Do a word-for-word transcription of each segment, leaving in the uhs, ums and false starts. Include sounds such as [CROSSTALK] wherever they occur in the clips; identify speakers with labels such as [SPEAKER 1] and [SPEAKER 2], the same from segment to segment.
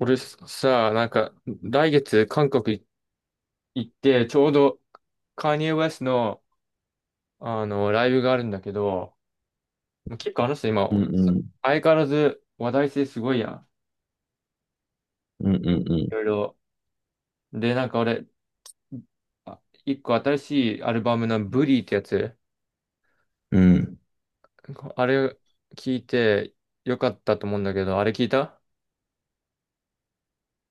[SPEAKER 1] 俺さ、なんか、来月韓国行って、ちょうどカニエ・ウェストの、あの、ライブがあるんだけど、結構あの人今、
[SPEAKER 2] うんうん。
[SPEAKER 1] 相変わらず話題性すごいやん。
[SPEAKER 2] うんう
[SPEAKER 1] い
[SPEAKER 2] ん
[SPEAKER 1] ろいろ。で、なんか俺、あ一個新しいアルバムのブリーってやつ、
[SPEAKER 2] うん。うん。
[SPEAKER 1] あれ聞いてよかったと思うんだけど、あれ聞いた？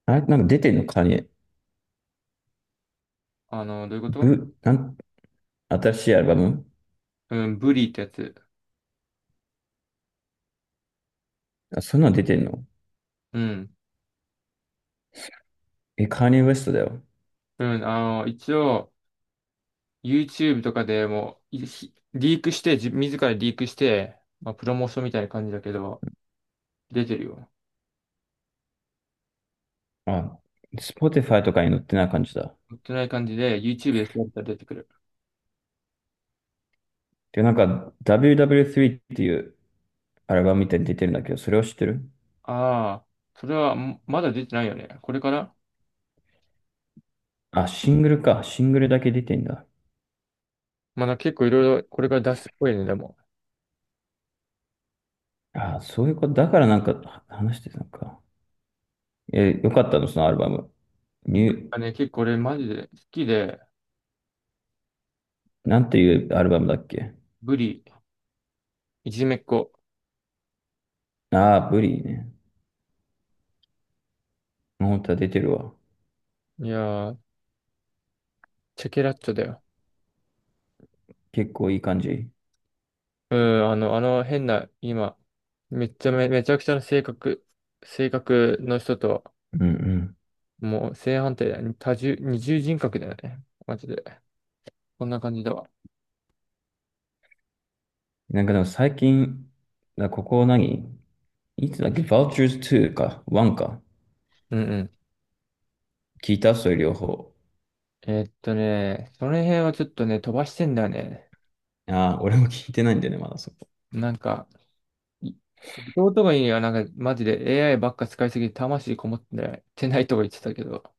[SPEAKER 2] あれ、なんか出てんのカーニエ。
[SPEAKER 1] あの、どういうこと？
[SPEAKER 2] ブ、なん、新しいアルバム。
[SPEAKER 1] うん、ブリーってやつ。
[SPEAKER 2] あ、そんなの出てんの？
[SPEAKER 1] うん。
[SPEAKER 2] え、カーニエ・ウエストだよ。
[SPEAKER 1] うん、あの、一応、YouTube とかでもう、いひリークして、自自らリークして、まあ、プロモーションみたいな感じだけど、出てるよ。
[SPEAKER 2] あ、Spotify とかに載ってない感じだ。
[SPEAKER 1] 売ってない感じで、YouTube で調べたら出てくる。
[SPEAKER 2] で、なんか ダブリューダブリュースリー っていうアルバムみたいに出てるんだけど、それを知ってる？
[SPEAKER 1] ああ、それは、んまだ出てないよね。これから
[SPEAKER 2] あ、シングルか。シングルだけ出てんだ。
[SPEAKER 1] まだ結構いろいろ、これから出すっぽいね、でも。
[SPEAKER 2] あ、そういうこと。だからなんかは話してたのか。え、よかったのそのアルバム？ニュ
[SPEAKER 1] あね、結構俺マジで好きで、
[SPEAKER 2] ー、なんていうアルバムだっけ？
[SPEAKER 1] ブリ、いじめっ子。
[SPEAKER 2] ああー、ブリーね。本当は出てるわ。
[SPEAKER 1] いやー、チェケラッチョだよ。
[SPEAKER 2] 結構いい感じ。
[SPEAKER 1] うん、あの、あの変な、今、めっちゃめ、めちゃくちゃな性格、性格の人と、
[SPEAKER 2] うんうん。
[SPEAKER 1] もう正反対だよね。多重、二重人格だよね。マジで。こんな感じだわ。
[SPEAKER 2] なんかでも最近、だここ何、いつだっけ？ Vultures つーか？ わん か、
[SPEAKER 1] うんうん。
[SPEAKER 2] 聞いたそれ両方？
[SPEAKER 1] えーっとね、その辺はちょっとね、飛ばしてんだよね。
[SPEAKER 2] ああ、俺も聞いてないんだよね、まだそこ。
[SPEAKER 1] なんか、い弟がいいにはなんか、マジで エーアイ ばっか使いすぎて魂こもってないとか言ってたけど。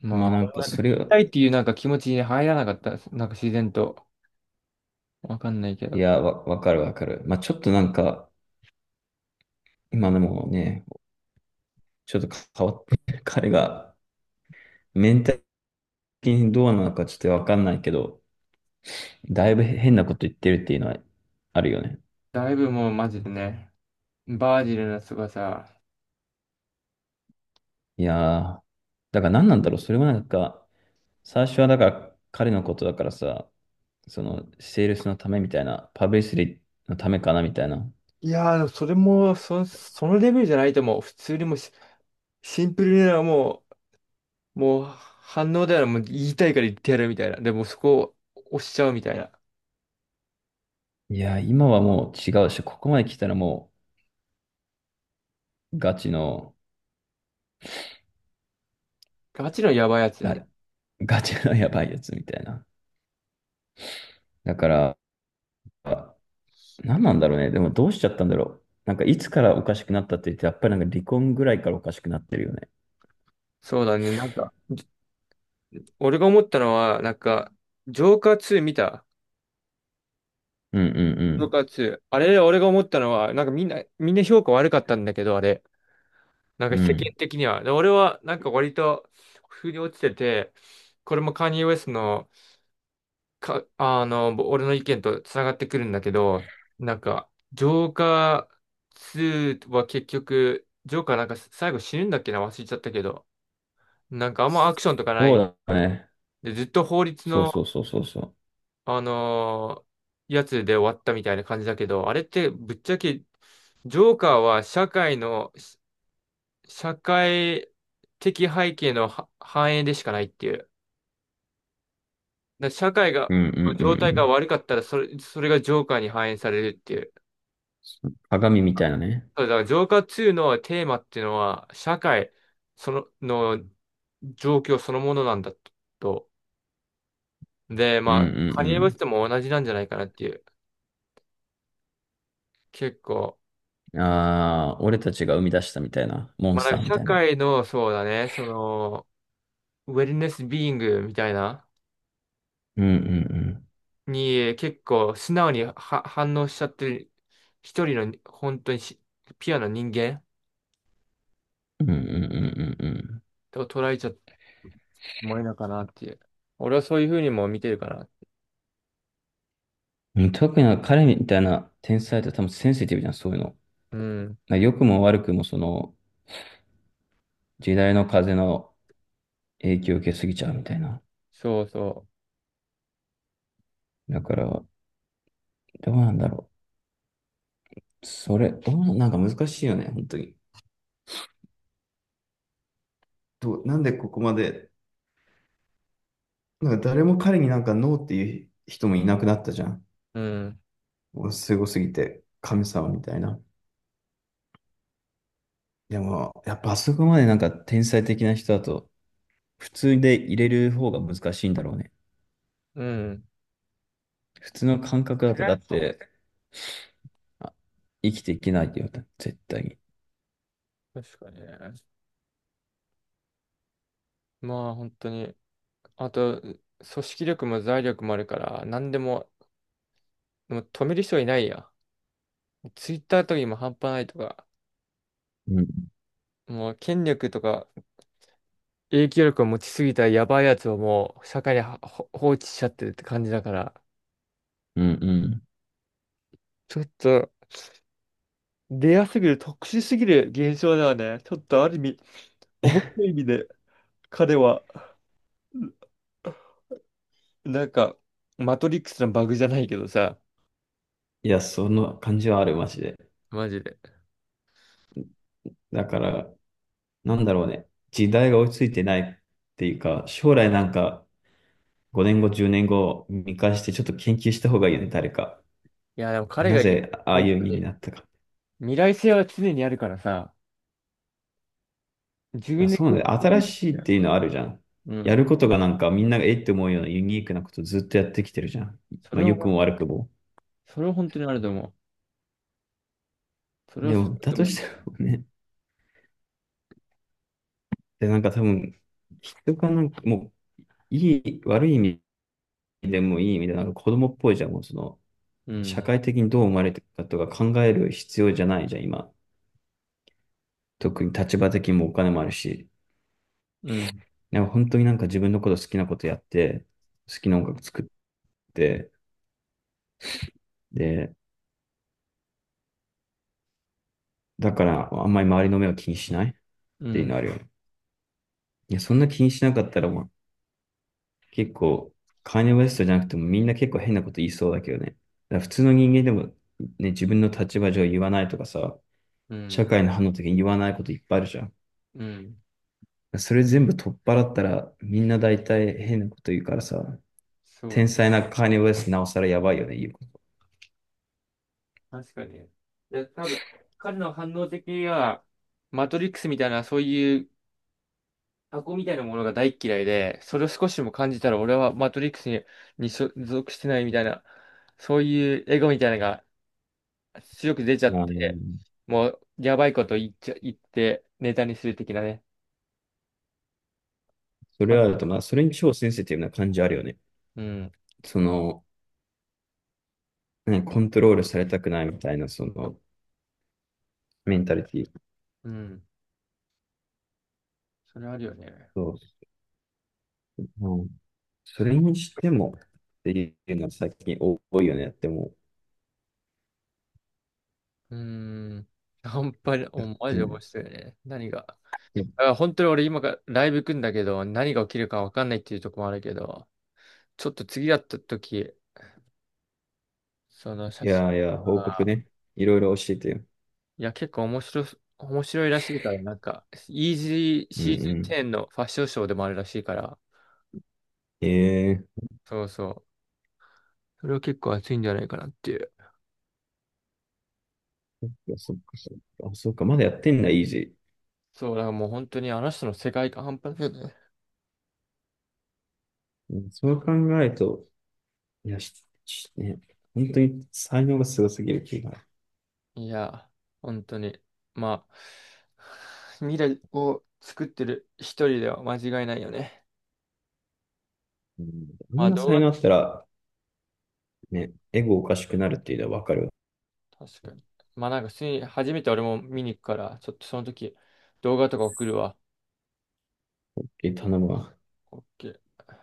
[SPEAKER 1] ま
[SPEAKER 2] まあ
[SPEAKER 1] あ、
[SPEAKER 2] なん
[SPEAKER 1] 俺も
[SPEAKER 2] か
[SPEAKER 1] なんか聞
[SPEAKER 2] それ
[SPEAKER 1] き
[SPEAKER 2] が、
[SPEAKER 1] たいっていうなんか気持ちに入らなかったです。なんか自然と。わかんないけ
[SPEAKER 2] い
[SPEAKER 1] ど。
[SPEAKER 2] や、わ、わかるわかる。まあちょっとなんか、今でもね、ちょっと変わってる、[LAUGHS] 彼がメンタル的にどうなのかちょっとわかんないけど、だいぶ変なこと言ってるっていうのはあるよね。
[SPEAKER 1] だいぶもうマジでね、バージルの凄さ。
[SPEAKER 2] いやー、だから何なんだろう。それもなんか、最初はだから彼のことだからさ、その、セールスのためみたいな、パブリシティのためかなみたいな。
[SPEAKER 1] いやー、でもそれも、そ、そのレベルじゃないともう。普通にもうシシンプルなもう、もう反応ではもう言いたいから言ってやるみたいな。でもそこを押しちゃうみたいな。
[SPEAKER 2] いや、今はもう違うし、ここまで来たらもう、ガチの、
[SPEAKER 1] ガチのやばいやつだね。
[SPEAKER 2] あ、ガチの [LAUGHS] やばいやつみたいな。だから、何なんだろうね。でもどうしちゃったんだろう。なんかいつからおかしくなったって言って、やっぱりなんか離婚ぐらいからおかしくなってるよね。
[SPEAKER 1] そうだね。なんか、俺が思ったのは、なんか、ジョーカーツー見た
[SPEAKER 2] うんう
[SPEAKER 1] ジョー
[SPEAKER 2] ん
[SPEAKER 1] カーツー。あれ、俺が思ったのは、なんかみんな、みんな評価悪かったんだけど、あれ。なんか
[SPEAKER 2] うん。う
[SPEAKER 1] 世間
[SPEAKER 2] ん。
[SPEAKER 1] 的には。で、俺は、なんか割と、腑に落ちてて、これもカニエ・ウェストのか、あの、ぼ俺の意見とつながってくるんだけど、なんか、ジョーカーツーは結局、ジョーカーなんか最後死ぬんだっけな、忘れちゃったけど、なんかあんまアクションとかない
[SPEAKER 2] そ
[SPEAKER 1] みたい
[SPEAKER 2] うだね。
[SPEAKER 1] で、ずっと法律
[SPEAKER 2] そうそう
[SPEAKER 1] の、
[SPEAKER 2] そうそうそ
[SPEAKER 1] あのーやつで終わったみたいな感じだけど、あれってぶっちゃけ、ジョーカーは社会の、し社会的背景のは反映でしかないっていう。だから社会が、
[SPEAKER 2] う。うんうんうん
[SPEAKER 1] 状
[SPEAKER 2] う
[SPEAKER 1] 態が
[SPEAKER 2] ん。
[SPEAKER 1] 悪かったら、それ、それがジョーカーに反映されるっていう。
[SPEAKER 2] そう、鏡みたいなね。
[SPEAKER 1] そう、だから浄化ツーのテーマっていうのは、社会その、の状況そのものなんだと。で、
[SPEAKER 2] う
[SPEAKER 1] ま
[SPEAKER 2] ん
[SPEAKER 1] あ、カ
[SPEAKER 2] う
[SPEAKER 1] ニエ・ウェス
[SPEAKER 2] ん
[SPEAKER 1] トも同じなんじゃないかなっていう。結構。
[SPEAKER 2] うん。ああ、俺たちが生み出したみたいな、モン
[SPEAKER 1] まあ、
[SPEAKER 2] ス
[SPEAKER 1] なん
[SPEAKER 2] ター
[SPEAKER 1] か
[SPEAKER 2] み
[SPEAKER 1] 社
[SPEAKER 2] たいな。
[SPEAKER 1] 会の、そうだね、その、ウェルネス・ビーイングみたいな、
[SPEAKER 2] うんうん
[SPEAKER 1] に結構素直には反応しちゃってる、一人の本当にしピュアな人間
[SPEAKER 2] うん。うんうんうんうん
[SPEAKER 1] と捉えちゃってもいいのかなっていう。俺はそういうふうにも見てるかな。
[SPEAKER 2] うん。特に彼みたいな天才って多分センシティブじゃん、そういうの。
[SPEAKER 1] うん。
[SPEAKER 2] まあ良くも悪くもその時代の風の影響を受けすぎちゃうみたいな。
[SPEAKER 1] そうそ
[SPEAKER 2] だから、どうなんだろう。それ、どうな、なんか難しいよね、本当に。どう、なんでここまで、なんか誰も彼になんかノーっていう人もいなくなったじゃん。
[SPEAKER 1] う。うん。
[SPEAKER 2] もうすごすぎて、神様みたいな。でも、やっあぱ、そこまでなんか天才的な人だと、普通で入れる方が難しいんだろうね。
[SPEAKER 1] うん。
[SPEAKER 2] 普通の感覚だと、だって、あ、生きていけないって言われた。絶対に。
[SPEAKER 1] 確かにね。まあ本当に。あと、組織力も財力もあるから、何でも、でも止める人いないや。ツイッターとかにも半端ないとか、
[SPEAKER 2] うん。
[SPEAKER 1] もう権力とか影響力を持ちすぎたやばいやつをもう社会にはほ放置しちゃってるって感じだから、
[SPEAKER 2] うんうん。
[SPEAKER 1] ちょっとレアすぎる、特殊すぎる現象ではね、ちょっとある意味、面白い意味で彼は、なんか、マトリックスのバグじゃないけどさ、
[SPEAKER 2] いや、その感じはある、マジで。
[SPEAKER 1] マジで。
[SPEAKER 2] だから、なんだろうね。時代が追いついてないっていうか、将来なんかごねんご、じゅうねんご見返してちょっと研究した方がいいよね、誰か。
[SPEAKER 1] いや、でも彼
[SPEAKER 2] な
[SPEAKER 1] がいる、
[SPEAKER 2] ぜああ
[SPEAKER 1] 本
[SPEAKER 2] いう意
[SPEAKER 1] 当
[SPEAKER 2] 味に
[SPEAKER 1] に
[SPEAKER 2] なったか。
[SPEAKER 1] 未来性は常にあるからさ、自
[SPEAKER 2] あ、
[SPEAKER 1] 分で
[SPEAKER 2] そうな
[SPEAKER 1] こう
[SPEAKER 2] んだ
[SPEAKER 1] やっ
[SPEAKER 2] よ。
[SPEAKER 1] てく
[SPEAKER 2] 新
[SPEAKER 1] れるん
[SPEAKER 2] しい
[SPEAKER 1] だ
[SPEAKER 2] っ
[SPEAKER 1] よ。
[SPEAKER 2] ていうのあるじゃん。
[SPEAKER 1] う
[SPEAKER 2] やる
[SPEAKER 1] ん。
[SPEAKER 2] ことがなんかみんながえって思うようなユニークなことずっとやってきてるじゃん。
[SPEAKER 1] そ
[SPEAKER 2] まあ、
[SPEAKER 1] れ
[SPEAKER 2] 良く
[SPEAKER 1] を、
[SPEAKER 2] も悪くも。
[SPEAKER 1] それを本当にあると思う。それを
[SPEAKER 2] で
[SPEAKER 1] す
[SPEAKER 2] も、
[SPEAKER 1] ごい
[SPEAKER 2] だ
[SPEAKER 1] と
[SPEAKER 2] と
[SPEAKER 1] 思う
[SPEAKER 2] し
[SPEAKER 1] ん
[SPEAKER 2] て
[SPEAKER 1] だよ。
[SPEAKER 2] もね、で、なんか多分、人がなんかもう、いい、悪い意味でもいい意味で、なんか子供っぽいじゃん、もうその、
[SPEAKER 1] う
[SPEAKER 2] 社
[SPEAKER 1] ん。
[SPEAKER 2] 会的にどう思われてるかとか考える必要じゃないじゃん、今。特に立場的にもお金もあるし、
[SPEAKER 1] うん。
[SPEAKER 2] なんか本当になんか自分のこと好きなことやって、好きな音楽作って、で、だからあんまり周りの目を気にしないっ
[SPEAKER 1] う
[SPEAKER 2] ていうの
[SPEAKER 1] ん。
[SPEAKER 2] あるよね。いや、そんな気にしなかったらもう、結構、カーニウエストじゃなくてもみんな結構変なこと言いそうだけどね。だから普通の人間でもね、自分の立場上言わないとかさ、
[SPEAKER 1] う
[SPEAKER 2] 社
[SPEAKER 1] ん。
[SPEAKER 2] 会の反応的に言わないこといっぱいあるじゃん。
[SPEAKER 1] うん。
[SPEAKER 2] それ全部取っ払ったら、みんな大体変なこと言うからさ、
[SPEAKER 1] そ
[SPEAKER 2] 天
[SPEAKER 1] う。
[SPEAKER 2] 才なカーニバルスなおさらやばいよね、言うこ
[SPEAKER 1] 確かに。で、多分、彼の反応的には、マトリックスみたいな、そういう箱みたいなものが大っ嫌いで、それを少しでも感じたら、俺はマトリックスに、に所属してないみたいな、そういうエゴみたいなのが出力出ちゃ
[SPEAKER 2] と。
[SPEAKER 1] っ
[SPEAKER 2] あの
[SPEAKER 1] て、もう、やばいこと言っちゃ、言って、ネタにする的なね。
[SPEAKER 2] それはあ
[SPEAKER 1] あ
[SPEAKER 2] ると、まあ、それに超センシティブな感じあるよね。
[SPEAKER 1] うん。
[SPEAKER 2] その、ね、コントロールされたくないみたいな、その、メンタリティ。
[SPEAKER 1] うん。それあるよね。
[SPEAKER 2] そう。うん、それにしても、っていうのは最近多いよねっても
[SPEAKER 1] うーん。半端に、
[SPEAKER 2] う。
[SPEAKER 1] お、
[SPEAKER 2] だっ
[SPEAKER 1] マジで
[SPEAKER 2] て、
[SPEAKER 1] 面白いね。何が？だから本当に俺今からライブ行くんだけど、何が起きるかわかんないっていうとこもあるけど、ちょっと次やった時、その写
[SPEAKER 2] い
[SPEAKER 1] 真
[SPEAKER 2] やいや、報告
[SPEAKER 1] が、
[SPEAKER 2] ね。いろいろ教えてよ。
[SPEAKER 1] いや、結構面白い面白いらしいから、なんか、イージー
[SPEAKER 2] うんう
[SPEAKER 1] シーズン
[SPEAKER 2] ん。
[SPEAKER 1] テンのファッションショーでもあるらしいから、
[SPEAKER 2] ええ、
[SPEAKER 1] そうそう。それは結構熱いんじゃないかなっていう。
[SPEAKER 2] いや、そっか、そっか。あ、そっか、まだやってんだ、イージ
[SPEAKER 1] そう、だからもう本当にあの人の世界観半端ないよね。
[SPEAKER 2] ー。うん、そう考えると、いや、し、しね、本当に才能がすごすぎる気が。
[SPEAKER 1] いや、本当に。まあ、[SIGHS] 未来を作ってる一人では間違いないよね。
[SPEAKER 2] うん、あ
[SPEAKER 1] ま
[SPEAKER 2] ん
[SPEAKER 1] あ
[SPEAKER 2] な
[SPEAKER 1] 動
[SPEAKER 2] 才
[SPEAKER 1] 画、
[SPEAKER 2] 能あったら、ね、エゴおかしくなるっていうのはわかるわ。
[SPEAKER 1] 確かに。まあなんか普通に初めて俺も見に行くから、ちょっとその時動画とか送るわ。
[SPEAKER 2] 頼むわ。
[SPEAKER 1] オーケー。